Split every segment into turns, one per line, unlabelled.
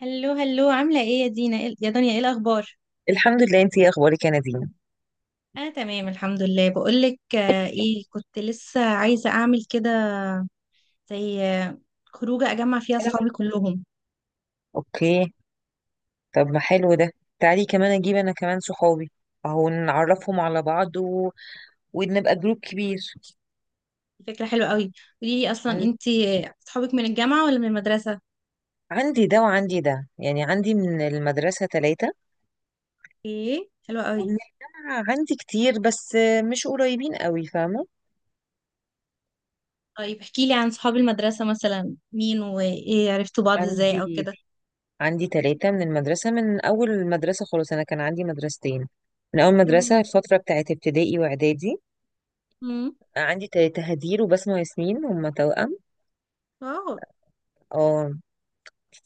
هلو هلو، عاملة ايه يا دينا يا دنيا ايه الأخبار؟
الحمد لله. انتي ايه اخبارك يا نادين؟
أنا تمام الحمد لله. بقولك ايه، كنت لسه عايزة أعمل كده زي خروجة أجمع فيها
أنا
أصحابي كلهم.
اوكي. طب ما حلو ده. تعالي كمان اجيب انا كمان صحابي. اهو نعرفهم على بعض ونبقى جروب كبير.
فكرة حلوة قوي. قوليلي أصلا
مم.
انتي أصحابك من الجامعة ولا من المدرسة؟
عندي ده وعندي ده، يعني عندي من المدرسة ثلاثة
ايه، حلوة قوي.
ومن الجامعة عندي كتير بس مش قريبين قوي، فاهمة؟
طيب احكيلي عن صحاب المدرسة، مثلا مين وايه، عرفتوا بعض ازاي أو
عندي
كده.
عندي ثلاثة من المدرسة. من أول المدرسة خلاص، أنا كان عندي مدرستين، من أول مدرسة
تمام.
الفترة بتاعت ابتدائي وإعدادي.
امم
عندي ثلاثة: هدير وبسمة وياسمين، هما توأم.
واو.
اه.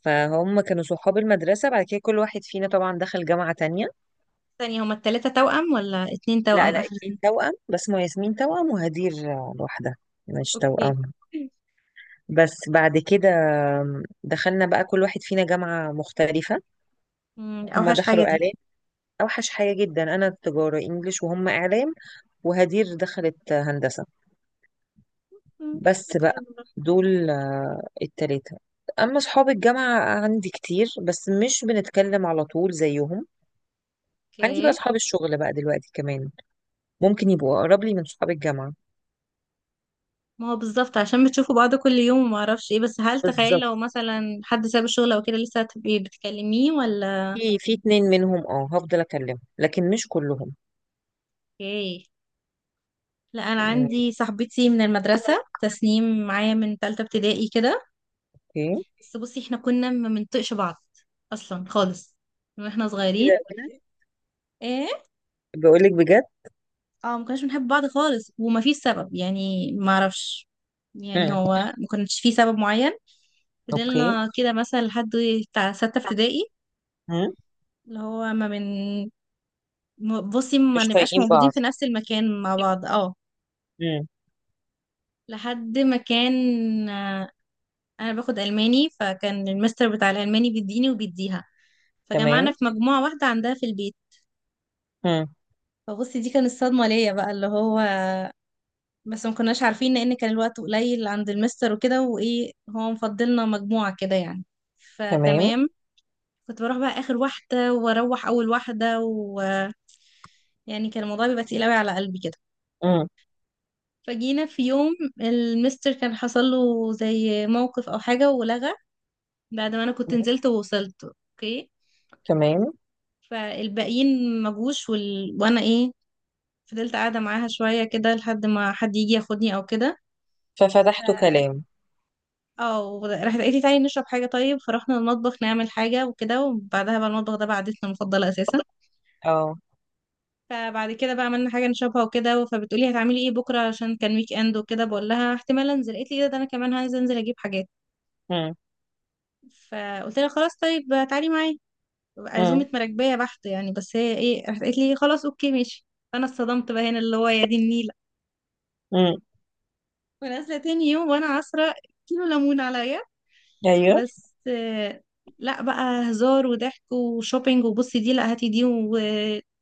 فهم كانوا صحاب المدرسة، بعد كده كل واحد فينا طبعا دخل جامعة تانية.
ثانية، هما التلاتة توأم ولا اتنين
لا
توأم
لا،
آخر؟
اتنين توأم بس، ما ياسمين توأم وهدير لوحدها، مش
اوكي.
توأم. بس بعد كده دخلنا بقى كل واحد فينا جامعة مختلفة.
مم، دي
هما
أوحش حاجة
دخلوا
دي.
إعلام، أوحش حاجة جدا. أنا تجارة إنجليش وهم إعلام، وهدير دخلت هندسة.
مم.
بس
حلو.
بقى، دول التلاتة. أما أصحاب الجامعة عندي كتير بس مش بنتكلم على طول زيهم. عندي بقى
اوكي،
أصحاب الشغل بقى دلوقتي كمان، ممكن يبقوا اقرب لي من صحاب الجامعه.
ما هو بالظبط عشان بتشوفوا بعض كل يوم وما اعرفش ايه. بس هل تخيلي
بالظبط.
لو مثلا حد ساب الشغل او كده لسه هتبقي بتكلميه ولا
في اتنين منهم، هفضل اكلمهم لكن مش كلهم.
ايه. لا، انا
يعني.
عندي صاحبتي من المدرسه تسنيم، معايا من ثالثه ابتدائي كده.
اوكي.
بس بصي احنا كنا ما بنطقش بعض اصلا خالص من واحنا
ايه
صغيرين.
ده!
ايه،
بقول لك بجد.
اه، ما كناش بنحب بعض خالص وما فيش سبب يعني، ما اعرفش،
امم.
يعني هو ما كانش فيه سبب معين.
اوكي.
فضلنا كده مثلا لحد بتاع سته ابتدائي،
امم.
اللي هو ما بن م- بصي ما
مش
نبقاش
طايقين
موجودين
بعض.
في نفس المكان مع بعض، اه،
امم.
لحد ما كان، آه، انا باخد الماني، فكان المستر بتاع الالماني بيديني وبيديها، فجمعنا
تمام.
في مجموعة واحدة عندها في البيت.
امم.
فبصي دي كانت الصدمة ليا بقى، اللي هو بس ما كناش عارفين لان كان الوقت قليل عند المستر وكده، وايه، هو مفضلنا مجموعة كده يعني.
تمام.
فتمام، كنت بروح بقى اخر واحدة، واروح اول واحدة ويعني، كان الموضوع بيبقى تقيل قوي على قلبي كده.
امم.
فجينا في يوم المستر كان حصل له زي موقف او حاجة ولغى، بعد ما انا كنت نزلت ووصلت اوكي.
تمام.
فالباقيين ما جوش، وانا ايه، فضلت قاعدة معاها شوية كده لحد ما حد يجي ياخدني او كده. ف
ففتحت كلام.
اه، راحت قالت لي تعالي نشرب حاجة، طيب فرحنا المطبخ نعمل حاجة وكده، وبعدها بقى المطبخ ده بقى عادتنا المفضلة اساسا.
اه.
فبعد كده بقى عملنا حاجة نشربها وكده، فبتقولي هتعملي ايه بكرة عشان كان ويك اند وكده، بقول لها احتمال انزل، قالت لي ايه ده، ده انا كمان هنزل، انزل اجيب حاجات.
امم.
فقلت لها خلاص طيب تعالي معايا،
امم.
عزومة مراكبية بحت يعني، بس هي ايه، راحت قالت لي خلاص اوكي ماشي. فانا اتصدمت بقى هنا، اللي هو يا دي النيلة،
امم.
ونازلة تاني يوم وانا عصرة كيلو ليمون عليا.
ايوه.
بس لا بقى هزار وضحك وشوبينج، وبصي دي، لا هاتي دي، وطلع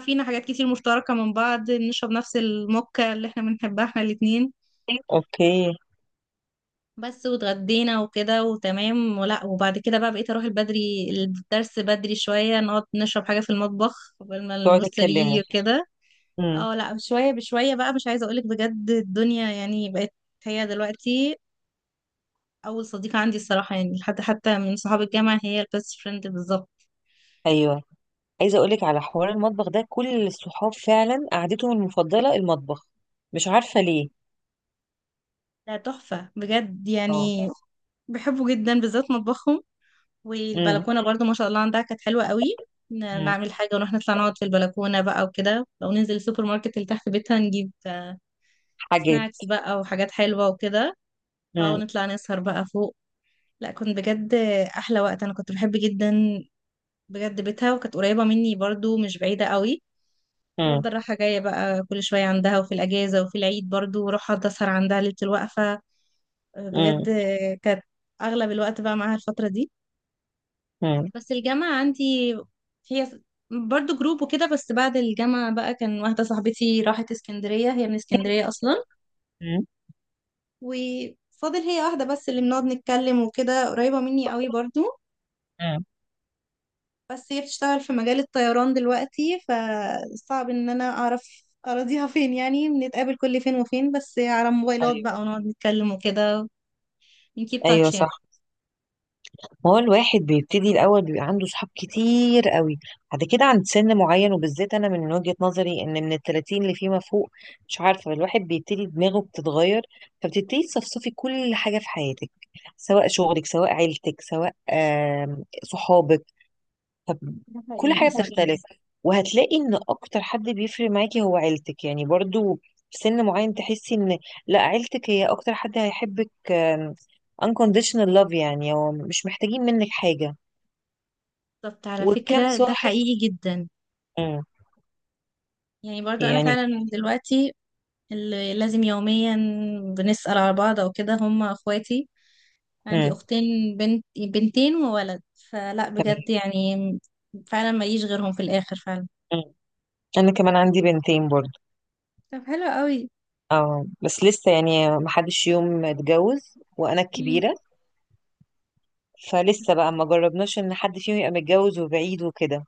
فينا حاجات كتير مشتركة من بعض، نشرب نفس الموكا اللي احنا بنحبها احنا الاتنين.
اوكي.
بس واتغدينا وكده وتمام ولا. وبعد كده بقى بقيت اروح البدري، الدرس بدري شوية نقعد نشرب حاجة في المطبخ قبل ما
تقعدوا
المستر يجي
تتكلموا.
وكده.
امم.
اه لا، بشوية بشوية بقى، مش عايزة اقولك بجد الدنيا يعني بقت، هي دلوقتي اول صديقة عندي الصراحة يعني، لحد حتى من صحاب الجامعة هي البيست فريند بالظبط.
ايوه، عايزه اقول لك على حوار المطبخ ده، كل الصحاب فعلا قعدتهم المفضله المطبخ، مش عارفه ليه.
ده تحفة بجد
اه.
يعني، بحبه جدا، بالذات مطبخهم
امم.
والبلكونه برضو ما شاء الله عندها كانت حلوه قوي.
امم.
نعمل حاجه ونروح نطلع نقعد في البلكونه بقى وكده، او ننزل السوبر ماركت اللي تحت بيتها نجيب
حاجات.
سناكس بقى وحاجات حلوه وكده، او
امم.
نطلع نسهر بقى فوق. لا كنت بجد احلى وقت، انا كنت بحب جدا بجد بيتها، وكانت قريبه مني برضو، مش بعيده قوي. كنت
امم.
بفضل رايحه جايه بقى كل شويه عندها، وفي الاجازه وفي العيد برضو، واروح اقعد اسهر عندها ليله الوقفه
امم.
بجد. كانت اغلب الوقت بقى معاها الفتره دي.
امم.
بس الجامعة عندي، هي برضو جروب وكده، بس بعد الجامعة بقى كان واحدة صاحبتي راحت اسكندرية، هي من اسكندرية أصلا،
امم.
وفاضل هي واحدة بس اللي بنقعد نتكلم وكده، قريبة مني قوي برضو.
امم.
بس هي بتشتغل في مجال الطيران دلوقتي، فصعب ان انا اعرف اراضيها فين يعني، بنتقابل كل فين وفين، بس على موبايلات
ايوه.
بقى ونقعد نتكلم وكده، نكيب
ايوه
تاتش
صح.
يعني.
ما هو الواحد بيبتدي الاول بيبقى عنده صحاب كتير قوي، بعد كده عند سن معين، وبالذات انا من وجهة نظري، ان من التلاتين اللي فيما فوق، مش عارفه، الواحد بيبتدي دماغه بتتغير، فبتبتدي تصفصفي كل حاجه في حياتك، سواء شغلك سواء عيلتك سواء صحابك. طب،
ده
كل
حقيقي
حاجة
صح.
بتختلف، وهتلاقي ان اكتر حد بيفرق معاكي هو عيلتك يعني برضو. في سن معين تحسي ان، لا، عيلتك هي اكتر حد هيحبك، unconditional love، يعني هو مش محتاجين منك حاجة.
بالظبط على
وكم
فكرة ده
صاحب.
حقيقي جدا.
مم.
يعني برضو انا
يعني.
فعلا دلوقتي اللي لازم يوميا بنسأل على بعض او كده هم اخواتي، عندي
مم.
اختين بنت بنتين وولد. فلا
تمام.
بجد يعني، فعلا ماليش غيرهم في الاخر فعلا.
مم. انا كمان عندي بنتين برضو.
طب حلو قوي.
اه بس لسه يعني ما حدش يوم اتجوز وانا
مم.
الكبيرة، فلسه بقى ما جربناش ان حد فيهم يبقى متجوز وبعيد وكده.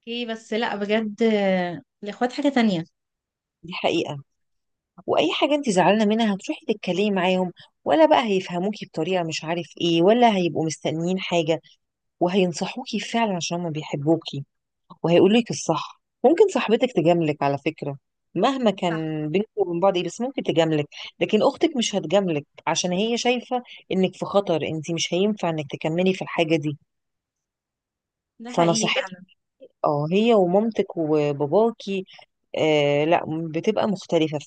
اوكي بس لا بجد، الاخوات حاجة تانية.
دي حقيقة. واي حاجه انت زعلانه منها هتروحي تتكلمي معاهم، ولا بقى هيفهموكي بطريقه مش عارف ايه، ولا هيبقوا مستنيين حاجه، وهينصحوكي فعلا عشان هما بيحبوكي، وهيقولولك الصح. ممكن صاحبتك تجاملك على فكره، مهما
صح،
كان بينكم وبين بعض ايه بس ممكن تجاملك، لكن اختك مش هتجاملك عشان هي شايفه انك في خطر، انت مش هينفع انك تكملي في الحاجه دي.
ده حقيقي
فنصيحتك
فعلا.
اه هي ومامتك وباباكي، لا بتبقى مختلفه.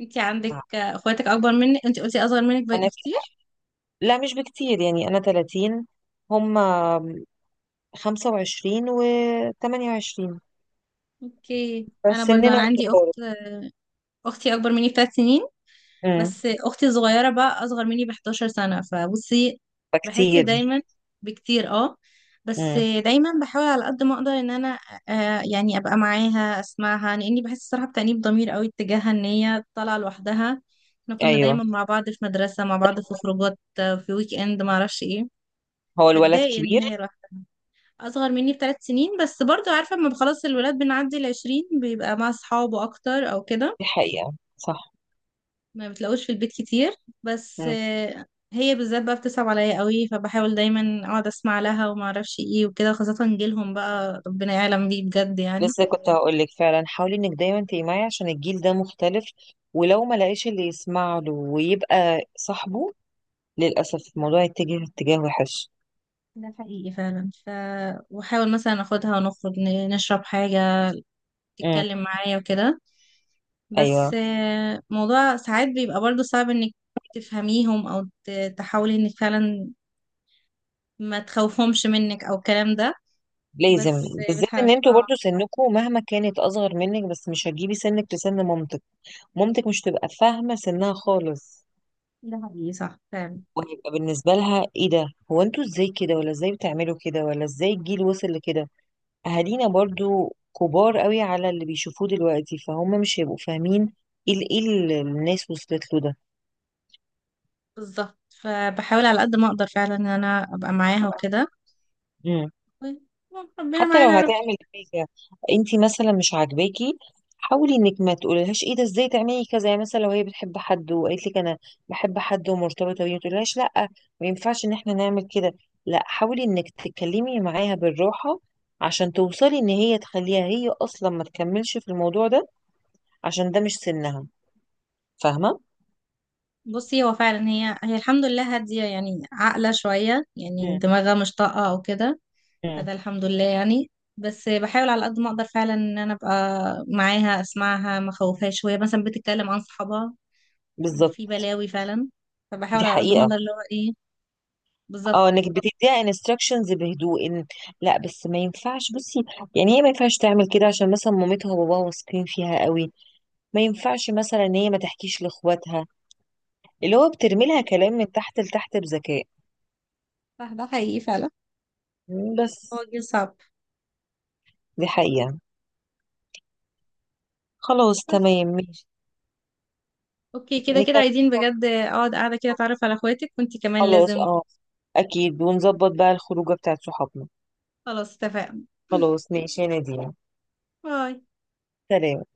انت
فعلا.
عندك، اخواتك اكبر منك، انت قلتي اصغر منك بكتير.
لا مش بكتير، يعني أنا 30، هم 25 و 28،
اوكي، انا برضو
فسننا
انا عندي
متقارب.
اخت، اختي اكبر مني بثلاث سنين،
امم.
بس اختي الصغيره بقى اصغر مني ب 11 سنه، فبصي بحس
فكتير.
دايما بكتير، اه. بس
امم.
دايما بحاول على قد ما اقدر ان انا، آه يعني، ابقى معاها اسمعها، لاني بحس الصراحه بتأنيب ضمير قوي اتجاهها ان هي طالعه لوحدها. احنا كنا
أيوه.
دايما مع بعض في مدرسه، مع بعض في خروجات، في ويك اند ما اعرفش ايه.
هو الولد
بتضايق ان
كبير.
هي لوحدها، اصغر مني بثلاث سنين، بس برضو عارفه اما خلاص الولاد بنعدي العشرين بيبقى مع اصحابه اكتر او كده،
دي حقيقة صح.
ما بتلاقوش في البيت كتير. بس
مم.
هي بالذات بقى بتصعب عليا قوي، فبحاول دايما اقعد اسمع لها وما اعرفش ايه وكده، خاصة جيلهم بقى ربنا يعلم بيه بجد يعني.
لسه كنت هقول لك فعلا، حاولي انك دايما تبقي معي عشان الجيل ده مختلف، ولو ما لقاش اللي يسمع له ويبقى صاحبه، للأسف الموضوع يتجه اتجاه وحش.
ده حقيقي فعلا. واحاول مثلا اخدها ونخرج نشرب حاجة،
مم.
تتكلم معايا وكده.
ايوه
بس موضوع ساعات بيبقى برضو صعب انك تفهميهم او تحاولي انك فعلا ما تخوفهمش منك او الكلام ده.
لازم.
بس
بالذات
بتحاول
ان انتوا
اه.
برضو سنكم مهما كانت اصغر منك، بس مش هتجيبي سنك لسن مامتك. مامتك مش تبقى فاهمة سنها خالص،
ده حقيقي صح فعلا.
وهيبقى بالنسبة لها ايه ده، هو انتوا ازاي كده؟ ولا ازاي بتعملوا كده؟ ولا ازاي الجيل وصل لكده؟ اهالينا برضو كبار قوي على اللي بيشوفوه دلوقتي، فهم مش هيبقوا فاهمين ايه ايه اللي الناس وصلت له.
بالظبط، فبحاول على قد ما اقدر فعلا ان انا ابقى معاها وكده.
ده،
ربنا
حتى لو
معانا يا رب.
هتعمل حاجة انتي مثلا مش عاجباكي، حاولي انك ما تقوليلهاش ايه ده ازاي تعملي كذا، يعني مثلا لو هي بتحب حد وقالت لك انا بحب حد ومرتبطة بيه، ما تقوليلهاش لا ما ينفعش ان احنا نعمل كده، لا، حاولي انك تتكلمي معاها بالراحة عشان توصلي ان هي تخليها هي اصلا ما تكملش في الموضوع ده عشان ده مش سنها. فاهمة؟
بصي هو فعلا هي الحمد لله هادية يعني، عاقلة شوية يعني،
مم.
دماغها مش طاقة او كده،
مم.
فده الحمد لله يعني. بس بحاول على قد ما اقدر فعلا ان انا ابقى معاها، اسمعها، ما اخوفهاش. شوية مثلا بتتكلم عن صحابها
بالظبط.
في بلاوي فعلا،
دي
فبحاول على قد ما
حقيقة.
اقدر اللي هو ايه. بالظبط
اه انك بتديها انستراكشنز بهدوء، إن لا بس ما ينفعش، بصي يعني هي ما ينفعش تعمل كده عشان مثلا مامتها وباباها واثقين فيها قوي، ما ينفعش مثلا ان هي ما تحكيش لاخواتها، اللي هو بترمي لها كلام من تحت لتحت بذكاء
صح، ده حقيقي فعلا. هو
بس.
جيل صعب.
دي حقيقة. خلاص تمام ماشي.
اوكي كده كده
نكمل.
عايزين بجد اقعد قاعدة كده اتعرف على اخواتك، وانتي كمان
خلاص،
لازم.
اكيد، ونظبط بقى الخروجه بتاعت صحابنا.
خلاص اتفقنا.
خلاص ماشي يا نادين.
باي.
سلام.